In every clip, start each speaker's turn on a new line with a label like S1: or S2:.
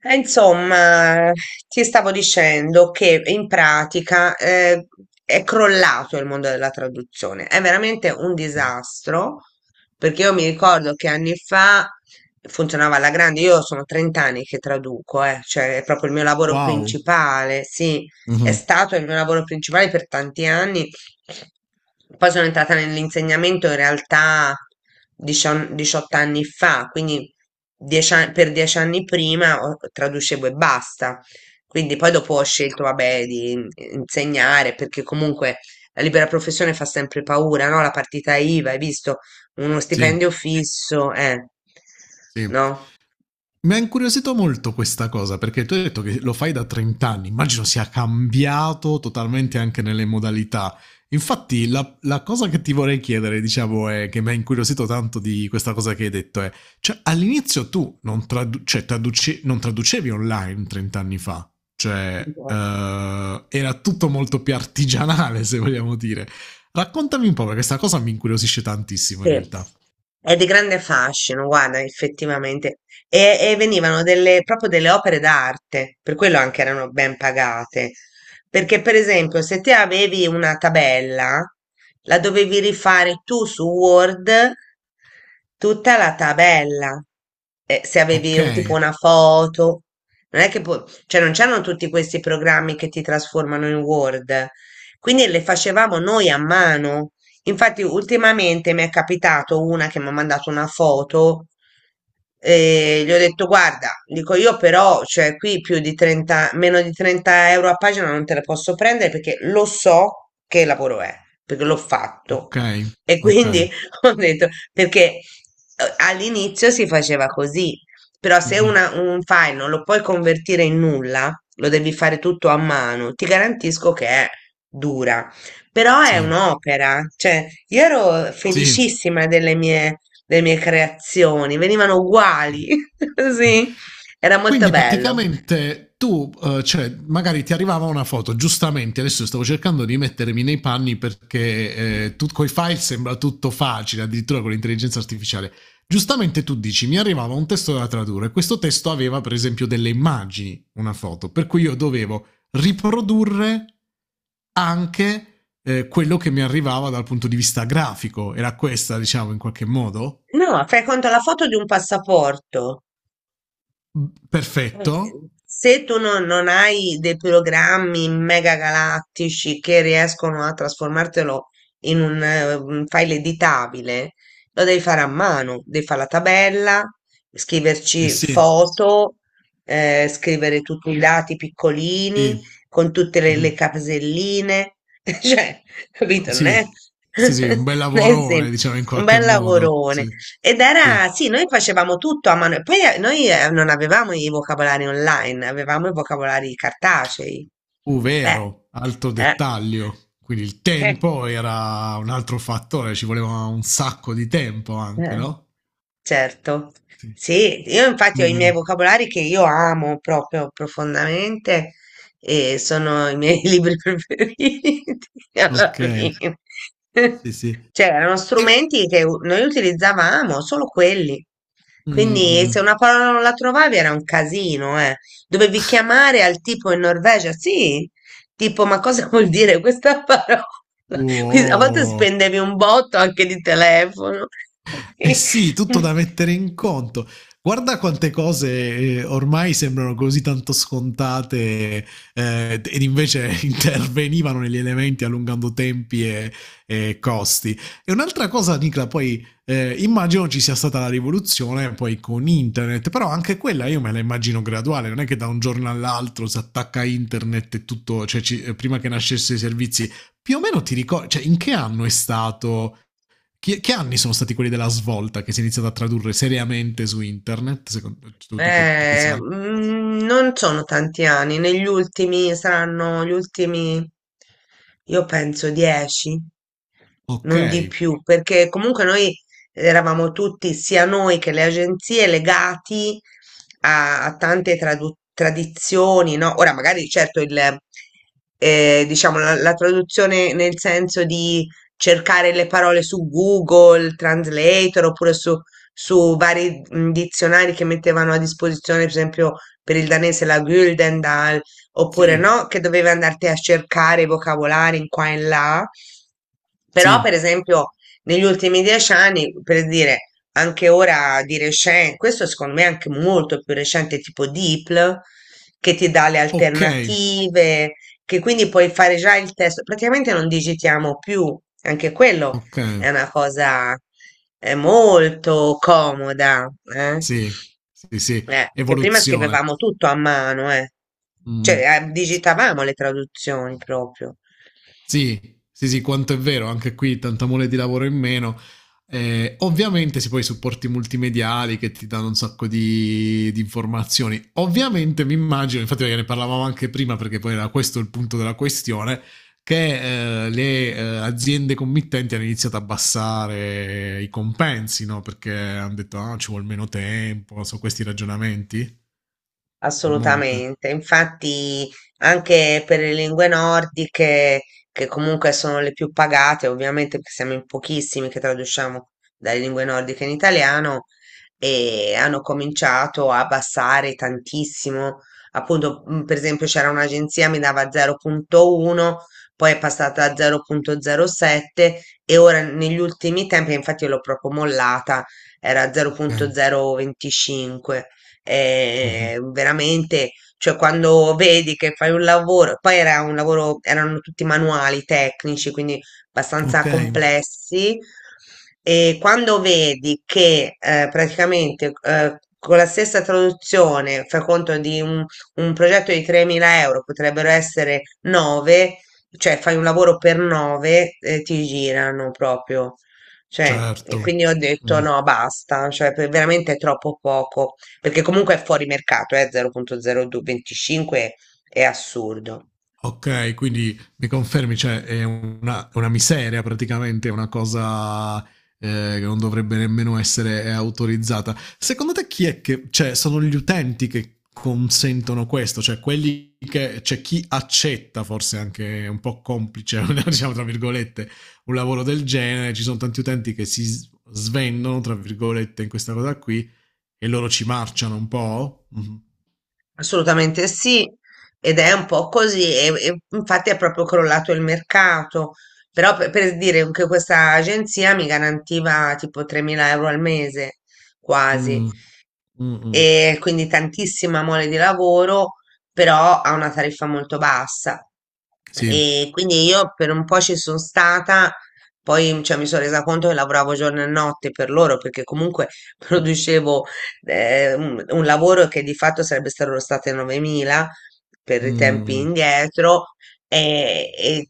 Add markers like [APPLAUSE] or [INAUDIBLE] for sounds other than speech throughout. S1: Insomma, ti stavo dicendo che in pratica è crollato il mondo della traduzione, è veramente un
S2: Mh.
S1: disastro, perché io mi ricordo che anni fa funzionava alla grande, io sono 30 anni che traduco, cioè è proprio il mio lavoro
S2: Wow.
S1: principale, sì, è
S2: Mh-mh.
S1: stato il mio lavoro principale per tanti anni poi sono entrata nell'insegnamento in realtà 18 anni fa, quindi per 10 anni prima traducevo e basta. Quindi poi dopo ho scelto, vabbè, di insegnare perché comunque la libera professione fa sempre paura, no? La partita IVA, hai visto? Uno
S2: Sì,
S1: stipendio fisso,
S2: sì.
S1: no?
S2: Mi ha incuriosito molto questa cosa, perché tu hai detto che lo fai da 30 anni, immagino sia cambiato totalmente anche nelle modalità. Infatti la cosa che ti vorrei chiedere, diciamo, è che mi ha incuriosito tanto di questa cosa che hai detto è, cioè all'inizio tu non tradu cioè traduce non traducevi online 30 anni fa, cioè, era tutto molto più artigianale [LAUGHS] se vogliamo dire. Raccontami un po', perché 'sta cosa mi incuriosisce tantissimo in
S1: Sì,
S2: realtà.
S1: è di grande fascino, guarda, effettivamente. E venivano delle, proprio delle opere d'arte, per quello anche erano ben pagate. Perché, per esempio, se te avevi una tabella, la dovevi rifare tu su Word, tutta la tabella. Se avevi tipo
S2: Okay,
S1: una foto, non è che poi, cioè non c'erano tutti questi programmi che ti trasformano in Word. Quindi le facevamo noi a mano. Infatti, ultimamente mi è capitato una che mi ha mandato una foto e gli ho detto: Guarda, dico io, però, cioè, qui più di 30, meno di 30 euro a pagina non te la posso prendere perché lo so che lavoro è, perché l'ho fatto.
S2: okay,
S1: E
S2: okay.
S1: quindi [LAUGHS] ho detto: Perché all'inizio si faceva così, però se
S2: Mh-mh.
S1: un file non lo puoi convertire in nulla, lo devi fare tutto a mano, ti garantisco che è dura. Però è
S2: Sì,
S1: un'opera, cioè io ero
S2: sì.
S1: felicissima delle mie creazioni, venivano uguali,
S2: Eh.
S1: [LAUGHS]
S2: Eh.
S1: sì, era molto
S2: Quindi
S1: bello.
S2: praticamente tu, cioè, magari ti arrivava una foto, giustamente, adesso stavo cercando di mettermi nei panni perché tu coi file sembra tutto facile, addirittura con l'intelligenza artificiale. Giustamente tu dici, mi arrivava un testo da tradurre, questo testo aveva per esempio delle immagini, una foto, per cui io dovevo riprodurre anche quello che mi arrivava dal punto di vista grafico. Era questa, diciamo, in qualche modo?
S1: No, fai conto la foto di un passaporto. Eh,
S2: Perfetto.
S1: Se tu non hai dei programmi mega galattici che riescono a trasformartelo in un file editabile, lo devi fare a mano, devi fare la tabella,
S2: Eh
S1: scriverci
S2: sì,
S1: foto, scrivere tutti i dati
S2: sì.
S1: piccolini con tutte le,
S2: Mh-mh.
S1: le caselline, [LAUGHS] cioè, capito? Non è,
S2: Sì,
S1: [LAUGHS]
S2: sì, sì, un bel
S1: non è
S2: lavorone
S1: semplice.
S2: diciamo in
S1: Un
S2: qualche
S1: bel
S2: modo. Sì,
S1: lavorone. Ed era,
S2: sì.
S1: sì, noi facevamo tutto a mano. E poi noi non avevamo i vocabolari online, avevamo i vocabolari cartacei. Beh.
S2: Vero, alto
S1: eh,
S2: dettaglio. Quindi il
S1: [LAUGHS] eh,
S2: tempo era un altro fattore, ci voleva un sacco di tempo anche,
S1: eh.
S2: no?
S1: Certo,
S2: Sì.
S1: sì, io infatti ho i miei
S2: Mh,
S1: vocabolari che io amo proprio profondamente e sono i miei [LAUGHS] libri preferiti alla
S2: okay.
S1: fine. [LAUGHS]
S2: Sì, sì.
S1: Cioè, erano
S2: E
S1: strumenti che noi utilizzavamo, solo quelli. Quindi
S2: mh-mh.
S1: se una parola non la trovavi era un casino, eh. Dovevi chiamare al tipo in Norvegia, sì, tipo, ma cosa [LAUGHS] vuol dire questa parola? [LAUGHS] Quindi, a volte
S2: Wow.
S1: spendevi un botto anche di telefono. [LAUGHS]
S2: Eh
S1: Sì.
S2: sì, tutto da mettere in conto. Guarda quante cose ormai sembrano così tanto scontate ed invece [LAUGHS] intervenivano negli elementi allungando tempi e costi. E un'altra cosa, Nicla, poi immagino ci sia stata la rivoluzione poi con internet, però anche quella io me la immagino graduale, non è che da un giorno all'altro si attacca internet e tutto, cioè prima che nascessero i servizi, più o meno ti ricordi, cioè in che anno è stato che anni sono stati quelli della svolta che si è iniziato a tradurre seriamente su internet? Secondo, tu, tu che
S1: Eh,
S2: sai?
S1: mm, non sono tanti anni, negli ultimi saranno gli ultimi, io penso 10,
S2: Ok,
S1: non di più, perché comunque noi eravamo tutti, sia noi che le agenzie, legati a tante tradizioni, no? Ora magari certo diciamo la traduzione nel senso di cercare le parole su Google Translator oppure su vari dizionari che mettevano a disposizione, per esempio per il danese la Gyldendal, oppure
S2: sì,
S1: no, che dovevi andarti a cercare i vocabolari in qua e in là. Però, per
S2: sì,
S1: esempio, negli ultimi 10 anni, per dire, anche ora di recente, questo secondo me è anche molto più recente, tipo DeepL, che ti dà le
S2: ok,
S1: alternative, che quindi puoi fare già il testo. Praticamente non digitiamo più, anche quello
S2: ok,
S1: è una cosa molto comoda, eh?
S2: sì, sì, sì,
S1: Che prima
S2: evoluzione.
S1: scrivevamo tutto a mano, eh.
S2: Mm.
S1: Cioè, digitavamo le traduzioni proprio.
S2: Sì, sì, sì, quanto è vero, anche qui tanta mole di lavoro in meno. Ovviamente si poi i supporti multimediali che ti danno un sacco di informazioni. Ovviamente mi immagino, infatti perché ne parlavamo anche prima perché poi era questo il punto della questione, che le aziende committenti hanno iniziato a abbassare i compensi, no? Perché hanno detto ah, ci vuole meno tempo, sono questi ragionamenti a monte.
S1: Assolutamente, infatti anche per le lingue nordiche, che comunque sono le più pagate, ovviamente perché siamo in pochissimi che traduciamo dalle lingue nordiche in italiano, e hanno cominciato a abbassare tantissimo. Appunto, per esempio, c'era un'agenzia mi dava 0,1, poi è passata a 0,07 e ora negli ultimi tempi, infatti io l'ho proprio mollata, era
S2: Ok.
S1: 0,025
S2: Mhm.
S1: veramente, cioè quando vedi che fai un lavoro, poi era un lavoro, erano tutti manuali tecnici, quindi abbastanza
S2: Ok,
S1: complessi, e quando vedi che praticamente con la stessa traduzione, fai conto di un progetto di 3.000 euro, potrebbero essere 9, cioè fai un lavoro per 9, ti girano proprio. Cioè,
S2: certo.
S1: e quindi ho detto
S2: Mhm.
S1: no, basta, cioè veramente è troppo poco. Perché comunque è fuori mercato, 0,025 è assurdo.
S2: Ok, quindi mi confermi, cioè è una miseria praticamente, è una cosa che non dovrebbe nemmeno essere autorizzata. Secondo te chi è che, cioè sono gli utenti che consentono questo, cioè quelli che, c'è chi accetta forse anche un po' complice, [LAUGHS] diciamo tra virgolette, un lavoro del genere, ci sono tanti utenti che svendono, tra virgolette, in questa cosa qui e loro ci marciano un po'? Mhm.
S1: Assolutamente sì, ed è un po' così, e infatti è proprio crollato il mercato, però per dire che questa agenzia mi garantiva tipo 3.000 euro al mese, quasi.
S2: Mm, mm, mm.
S1: E quindi tantissima mole di lavoro, però a una tariffa molto bassa.
S2: Sì.
S1: E quindi io per un po' ci sono stata, poi cioè, mi sono resa conto che lavoravo giorno e notte per loro, perché comunque [LAUGHS] producevo un lavoro che di fatto sarebbe stato costato 9.000 per i
S2: Mm,
S1: tempi
S2: mm.
S1: indietro, e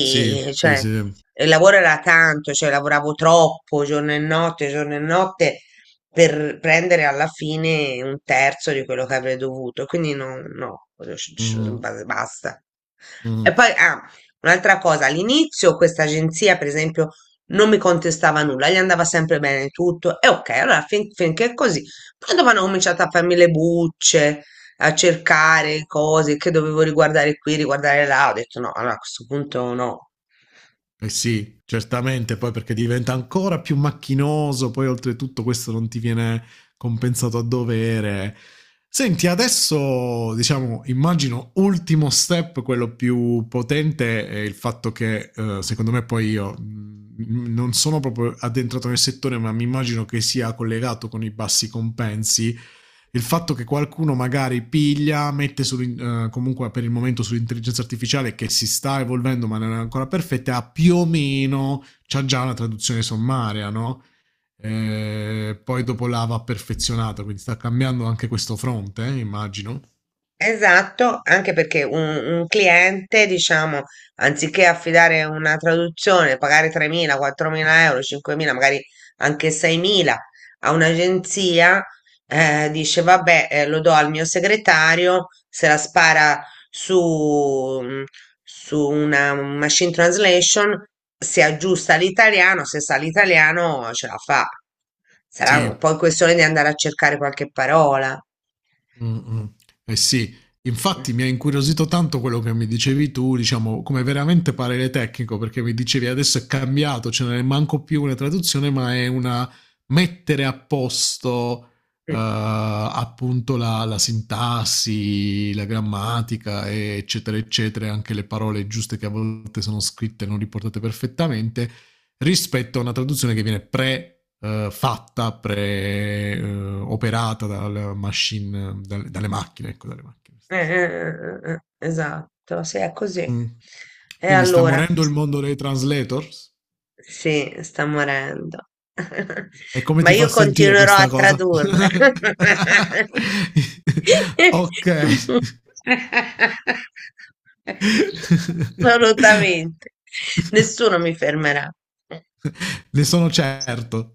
S2: Sì, sì,
S1: cioè,
S2: sì.
S1: il lavoro era tanto, cioè lavoravo troppo giorno e notte per prendere alla fine un terzo di quello che avrei dovuto. Quindi no, no,
S2: Mh-mh,
S1: basta. E poi,
S2: mh-mh.
S1: ah, un'altra cosa, all'inizio questa agenzia, per esempio, non mi contestava nulla, gli andava sempre bene tutto, e ok, allora finché è così. Poi dopo hanno cominciato a farmi le bucce, a cercare cose che dovevo riguardare qui, riguardare là, ho detto no, allora a questo punto no.
S2: Eh sì, certamente poi perché diventa ancora più macchinoso, poi oltretutto questo non ti viene compensato a dovere. Senti, adesso diciamo, immagino ultimo step, quello più potente, è il fatto che secondo me poi io non sono proprio addentrato nel settore, ma mi immagino che sia collegato con i bassi compensi. Il fatto che qualcuno magari piglia, mette su, comunque per il momento sull'intelligenza artificiale che si sta evolvendo ma non è ancora perfetta, ha più o meno, c'ha già una traduzione sommaria, no? Poi dopo la va perfezionata, quindi sta cambiando anche questo fronte, immagino.
S1: Esatto, anche perché un cliente, diciamo, anziché affidare una traduzione, pagare 3.000, 4.000 euro, 5.000, magari anche 6.000 a un'agenzia, dice, vabbè, lo do al mio segretario, se la spara su, mm, su una machine translation, si aggiusta all'italiano, se sa l'italiano ce la fa.
S2: Sì.
S1: Sarà poi questione di andare a cercare qualche parola.
S2: Mh-mh. Eh sì,
S1: Mh.
S2: infatti mi ha incuriosito tanto quello che mi dicevi tu, diciamo, come veramente parere tecnico, perché mi dicevi adesso è cambiato, cioè non è manco più una traduzione, ma è una mettere a posto,
S1: Mh.
S2: appunto la sintassi, la grammatica, e eccetera, eccetera, e anche le parole giuste che a volte sono scritte e non riportate perfettamente, rispetto a una traduzione che viene pre fatta, operata dal dalle macchine, ecco, dalle macchine
S1: Eh, eh,
S2: stesse.
S1: eh, eh, eh, esatto, sì, è così.
S2: Mm.
S1: E
S2: Quindi sta
S1: allora?
S2: morendo il mondo dei translators?
S1: Sì, sta morendo. [LAUGHS]
S2: E come
S1: Ma
S2: ti fa
S1: io
S2: sentire
S1: continuerò a
S2: questa cosa?
S1: tradurre.
S2: [LAUGHS]
S1: [LAUGHS]
S2: Ok. [LAUGHS]
S1: Assolutamente. Nessuno mi fermerà.
S2: Ne sono certo.